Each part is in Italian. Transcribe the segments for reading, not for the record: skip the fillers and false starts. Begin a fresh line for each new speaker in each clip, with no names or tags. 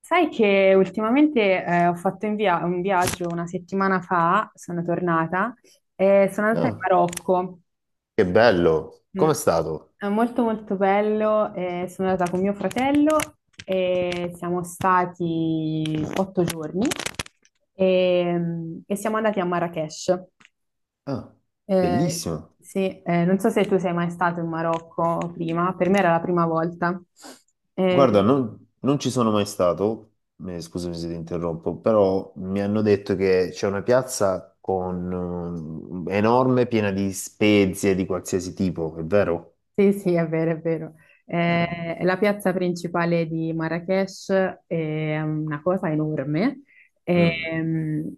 Sai che ultimamente ho fatto un viaggio una settimana fa, sono tornata, e sono andata in
Ah,
Marocco.
che bello!
Mm.
Com'è stato?
È molto molto bello, sono andata con mio fratello e siamo stati 8 giorni e siamo andati a Marrakech.
Ah,
Eh,
bellissimo!
sì, non so se tu sei mai stato in Marocco prima, per me era la prima volta.
Guarda,
Eh,
non ci sono mai stato, scusami se ti interrompo, però mi hanno detto che c'è una piazza con enorme, piena di spezie di qualsiasi tipo, è vero?
Sì, sì, è vero, è vero.
Ah,
La piazza principale di Marrakech è una cosa enorme,
mm,
ehm,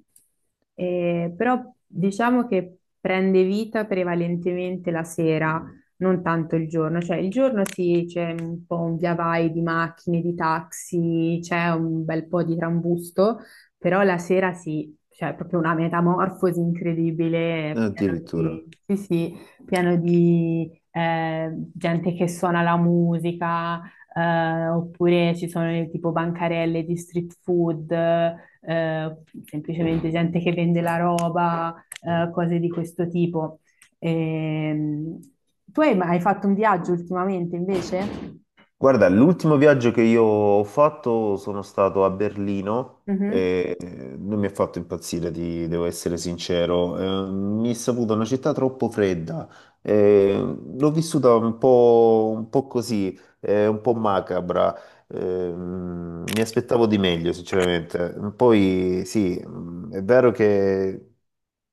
però diciamo che prende vita prevalentemente la sera, non tanto il giorno. Cioè il giorno sì, c'è un po' un via vai di macchine, di taxi, c'è un bel po' di trambusto, però la sera sì, cioè è proprio una metamorfosi incredibile, pieno
addirittura.
di. Sì, sì. Pieno di eh, gente che suona la musica, oppure ci sono tipo bancarelle di street food, semplicemente gente che vende la roba, cose di questo tipo. Ehm, Tu hai fatto un viaggio ultimamente invece?
Guarda, l'ultimo viaggio che io ho fatto sono stato a Berlino
Mhm.
e non mi ha fatto impazzire, devo essere sincero. Mi è saputo una città troppo fredda. Eh, L'ho vissuta un po' così, un po' macabra. Mi aspettavo di meglio, sinceramente. Poi sì, è vero che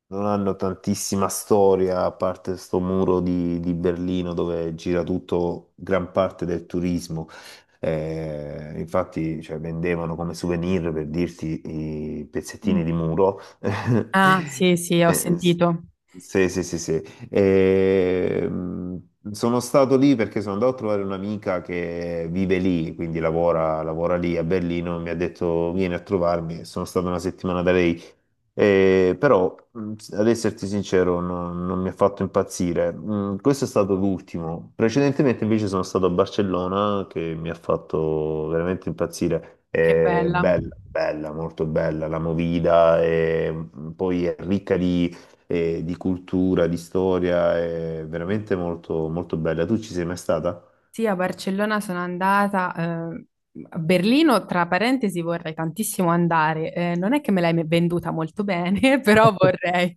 non hanno tantissima storia, a parte sto muro di Berlino dove gira tutto, gran parte del turismo. Infatti, cioè, vendevano come souvenir per dirti i pezzettini di muro.
Ah, sì, sì, ho
Eh, s-
sentito.
sì, sì, sì, sì. E sono stato lì perché sono andato a trovare un'amica che vive lì, quindi lavora lì a Berlino, e mi ha detto vieni a trovarmi, sono stato una settimana da lei. Però, ad esserti sincero, non mi ha fatto impazzire. Questo è stato l'ultimo. Precedentemente invece sono stato a Barcellona che mi ha fatto veramente impazzire.
Che
È
bella.
bella, bella, molto bella la Movida, e poi è ricca di e di cultura, di storia, è veramente molto, molto bella. Tu ci sei mai stata?
Sì, a Barcellona sono andata. A Berlino, tra parentesi, vorrei tantissimo andare. Non è che me l'hai venduta molto bene, però vorrei.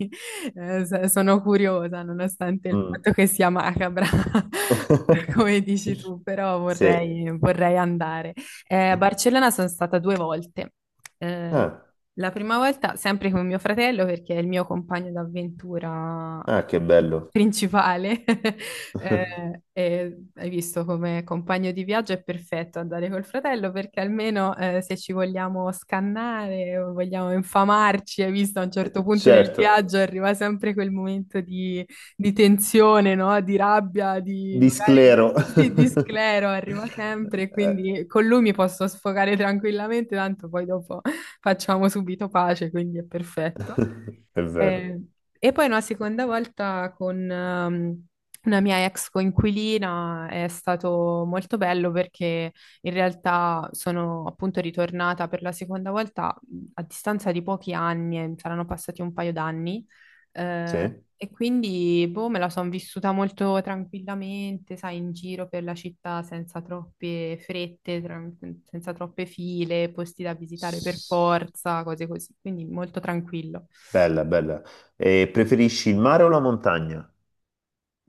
Sono curiosa, nonostante il
Mm.
fatto che sia macabra, come dici tu, però
Sì.
vorrei andare. A Barcellona sono stata due volte. Eh,
Ah,
la prima volta sempre con mio fratello, perché è il mio compagno d'avventura
ah, che bello.
principale. E hai visto, come compagno di viaggio è perfetto andare col fratello perché almeno se ci vogliamo scannare o vogliamo infamarci, hai visto a un certo punto nel
Certo,
viaggio arriva sempre quel momento di, tensione, no? Di rabbia, di
di
magari
sclero.
sì, di sclero, arriva sempre,
Eh,
quindi con lui mi posso sfogare tranquillamente, tanto poi dopo facciamo subito pace, quindi è perfetto.
È vero.
Eh, e poi una seconda volta con una mia ex coinquilina, è stato molto bello perché in realtà sono appunto ritornata per la seconda volta a distanza di pochi anni, saranno passati un paio d'anni, eh,
Sì.
e quindi boh, me la sono vissuta molto tranquillamente, sai, in giro per la città senza troppe frette, senza troppe file, posti da visitare per forza, cose così, quindi molto tranquillo.
Bella, bella. E preferisci il mare o la montagna?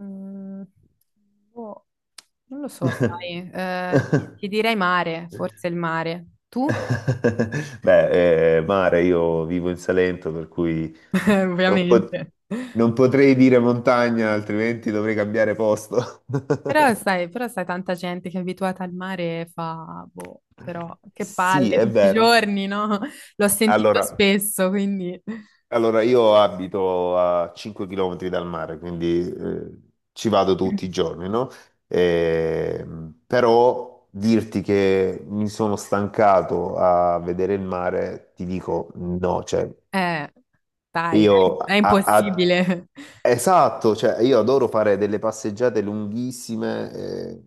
Mm, Boh, non lo so, sai, ti direi mare, forse il mare. Tu?
Beh, mare, io vivo in Salento, per cui non, pot-
Ovviamente.
non potrei dire montagna, altrimenti dovrei cambiare posto.
Però sai, però sai, tanta gente che è abituata al mare e fa, boh, però che palle
Sì, è
tutti i
vero.
giorni, no? L'ho sentito
Allora,
spesso, quindi.
allora, io abito a 5 km dal mare, quindi ci vado tutti i giorni, no? Però dirti che mi sono stancato a vedere il mare, ti dico no, cioè
Eh, Dai,
io
è
a, a-
impossibile.
Esatto, cioè io adoro fare delle passeggiate lunghissime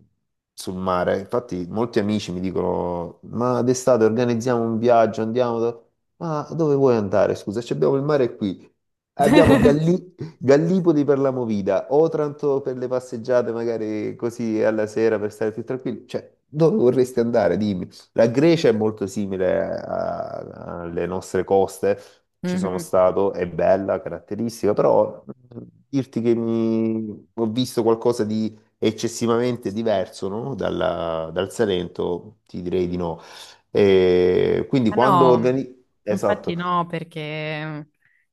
sul mare. Infatti, molti amici mi dicono: Ma d'estate organizziamo un viaggio, andiamo. Ma dove vuoi andare? Scusa, ci abbiamo il mare qui. Abbiamo Gallipoli per la movida, Otranto per le passeggiate, magari così alla sera per stare più tranquilli. Cioè, dove vorresti andare? Dimmi. La Grecia è molto simile alle nostre coste. Ci sono
Mhm.
stato, è bella, caratteristica, però dirti che ho visto qualcosa di eccessivamente diverso, no? Dal Salento, ti direi di no. E quindi
Ah,
quando
no,
organizzo.
infatti
Esatto,
no, perché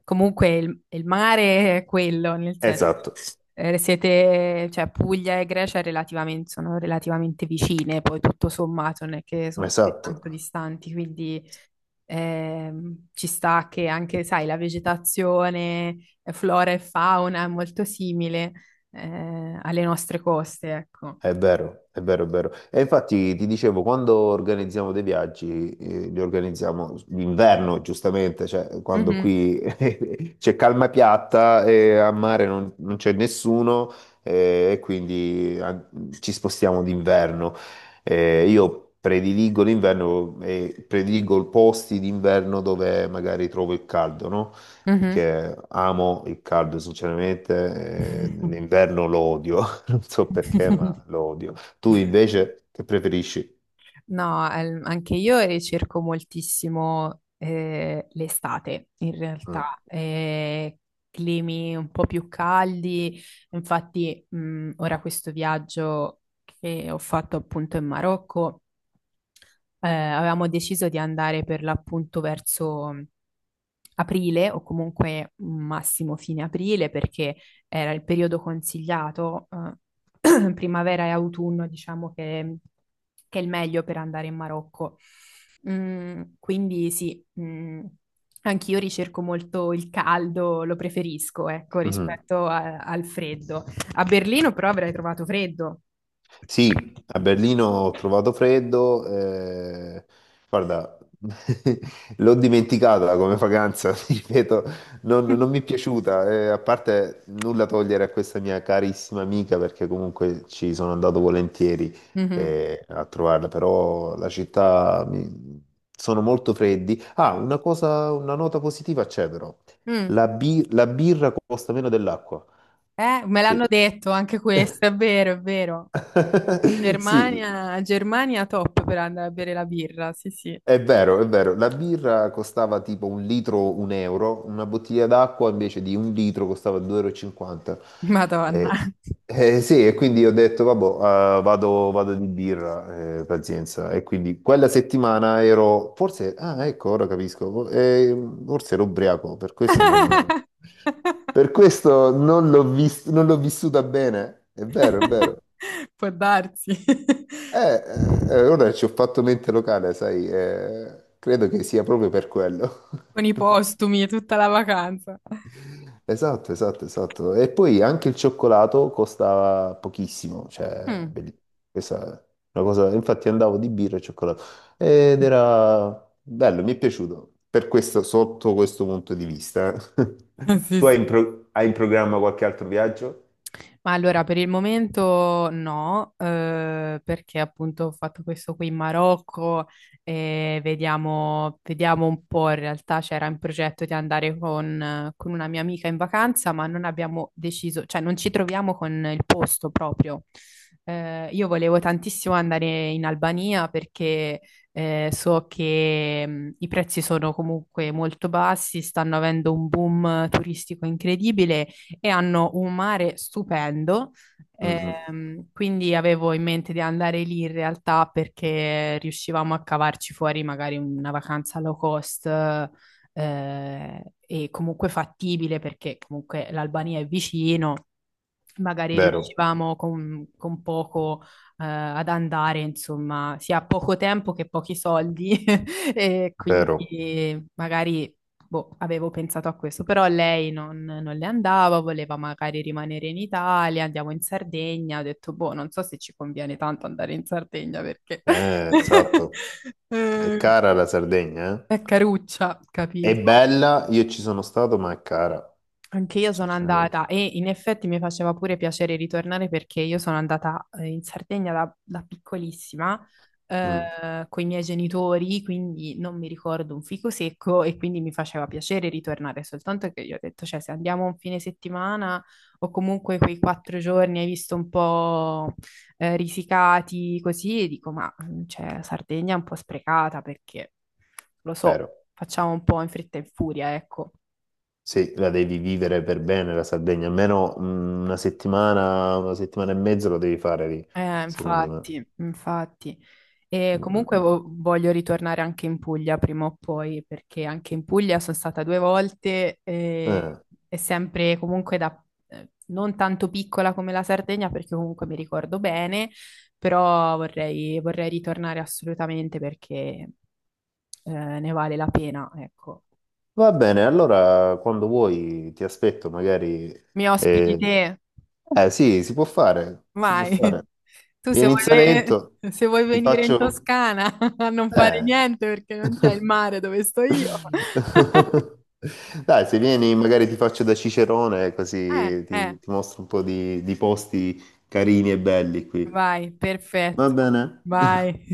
comunque il mare è quello, nel senso,
esatto,
siete, cioè Puglia e Grecia relativamente, sono relativamente vicine, poi tutto sommato non è che sono così
esatto.
tanto distanti, quindi ci sta che anche, sai, la vegetazione, flora e fauna è molto simile alle nostre coste, ecco.
È vero, è vero, è vero. E infatti ti dicevo, quando organizziamo dei viaggi, li organizziamo l'inverno, giustamente, cioè quando
Mhm,
qui c'è calma piatta e a mare non c'è nessuno, e quindi ci spostiamo d'inverno. Io prediligo l'inverno e prediligo posti d'inverno dove magari trovo il caldo, no?
mhm.
Perché amo il caldo, sinceramente, l'inverno lo odio. Non so perché, ma lo odio. Tu invece che preferisci?
No, anche io ricerco moltissimo l'estate, in
Mm.
realtà, climi un po' più caldi. Infatti, ora questo viaggio che ho fatto appunto in Marocco, avevamo deciso di andare per l'appunto verso aprile o comunque massimo fine aprile perché era il periodo consigliato, primavera e autunno, diciamo che, è il meglio per andare in Marocco. Quindi sì, anch'io ricerco molto il caldo, lo preferisco, ecco,
Mhm.
rispetto al freddo. A Berlino però avrei trovato freddo.
Sì, a Berlino ho trovato freddo, guarda, l'ho dimenticata come vacanza, ti ripeto, non mi è piaciuta, a parte nulla togliere a questa mia carissima amica perché comunque ci sono andato volentieri
Mhm.
a trovarla, però la città sono molto freddi. Ah, una cosa, una nota positiva c'è però,
Mm.
la birra costa meno dell'acqua,
Me l'hanno
sì.
detto anche questo, è vero, è vero.
Sì,
Germania, Germania top per andare a bere la birra, sì, sì.
è vero, è vero, la birra costava tipo un litro un euro, una bottiglia d'acqua invece di un litro costava 2,50 euro e cinquanta.
Madonna.
Eh, sì, e quindi ho detto, vabbè, vado di birra, pazienza. E quindi quella settimana ero, forse, ah ecco, ora capisco, forse ero ubriaco, per questo non non l'ho vissuta bene. È vero, è vero.
Può darsi.
Ora ci ho fatto mente locale, sai, credo che sia proprio per quello.
Con i postumi e tutta la vacanza.
Esatto, esatto, esatto. E poi anche il cioccolato costa pochissimo,
Mm.
questa è una cosa, infatti andavo di birra e cioccolato ed era bello, mi è piaciuto, per questo, sotto questo punto di vista.
Sì,
Tu hai in,
sì.
pro- hai in programma qualche altro viaggio?
Ma allora, per il momento no, perché appunto ho fatto questo qui in Marocco e vediamo, vediamo un po'. In realtà c'era in progetto di andare con una mia amica in vacanza, ma non abbiamo deciso, cioè non ci troviamo con il posto proprio. Io volevo tantissimo andare in Albania perché so che i prezzi sono comunque molto bassi, stanno avendo un boom turistico incredibile e hanno un mare stupendo.
Mm, mm.
Quindi avevo in mente di andare lì in realtà perché riuscivamo a cavarci fuori magari una vacanza low cost eh, e comunque fattibile perché comunque l'Albania è vicino, magari
Vero,
riuscivamo con poco ad andare, insomma, sia poco tempo che pochi soldi, e
vero,
quindi magari boh, avevo pensato a questo, però lei non le andava, voleva magari rimanere in Italia, andiamo in Sardegna, ho detto, boh, non so se ci conviene tanto andare in Sardegna perché
esatto. È
eh,
cara la Sardegna, eh?
è caruccia,
È
capito?
bella, io ci sono stato, ma è cara,
Anche io sono
sinceramente.
andata e in effetti mi faceva pure piacere ritornare perché io sono andata in Sardegna da piccolissima
Mm,
con i miei genitori, quindi non mi ricordo un fico secco e quindi mi faceva piacere ritornare, soltanto che io ho detto, cioè se andiamo un fine settimana o comunque quei 4 giorni hai visto un po' risicati così, e dico, ma cioè, Sardegna è un po' sprecata perché lo so,
vero.
facciamo un po' in fretta e in furia, ecco.
Sì, la devi vivere per bene la Sardegna, almeno una settimana e mezza lo devi fare lì, secondo me.
Infatti, infatti. E
Mm, mm,
comunque
mm.
voglio ritornare anche in Puglia prima o poi, perché anche in Puglia sono stata due volte e,
Eh,
e sempre comunque da non tanto piccola come la Sardegna, perché comunque mi ricordo bene, però vorrei ritornare assolutamente perché eh, ne vale la pena, ecco.
va bene, allora quando vuoi ti aspetto, magari.
Mi ospiti
Eh,
te?
eh, sì, si può fare, si può
Vai.
fare.
Tu se
Vieni in
vuoi,
Salento,
ve- se vuoi
ti
venire in
faccio.
Toscana a non fare
Eh.
niente perché non c'è il mare dove sto io.
Dai, se vieni, magari ti faccio da Cicerone,
Eh,
così
eh,
ti mostro un po' di posti carini e belli qui.
Vai,
Va
perfetto.
bene?
Vai.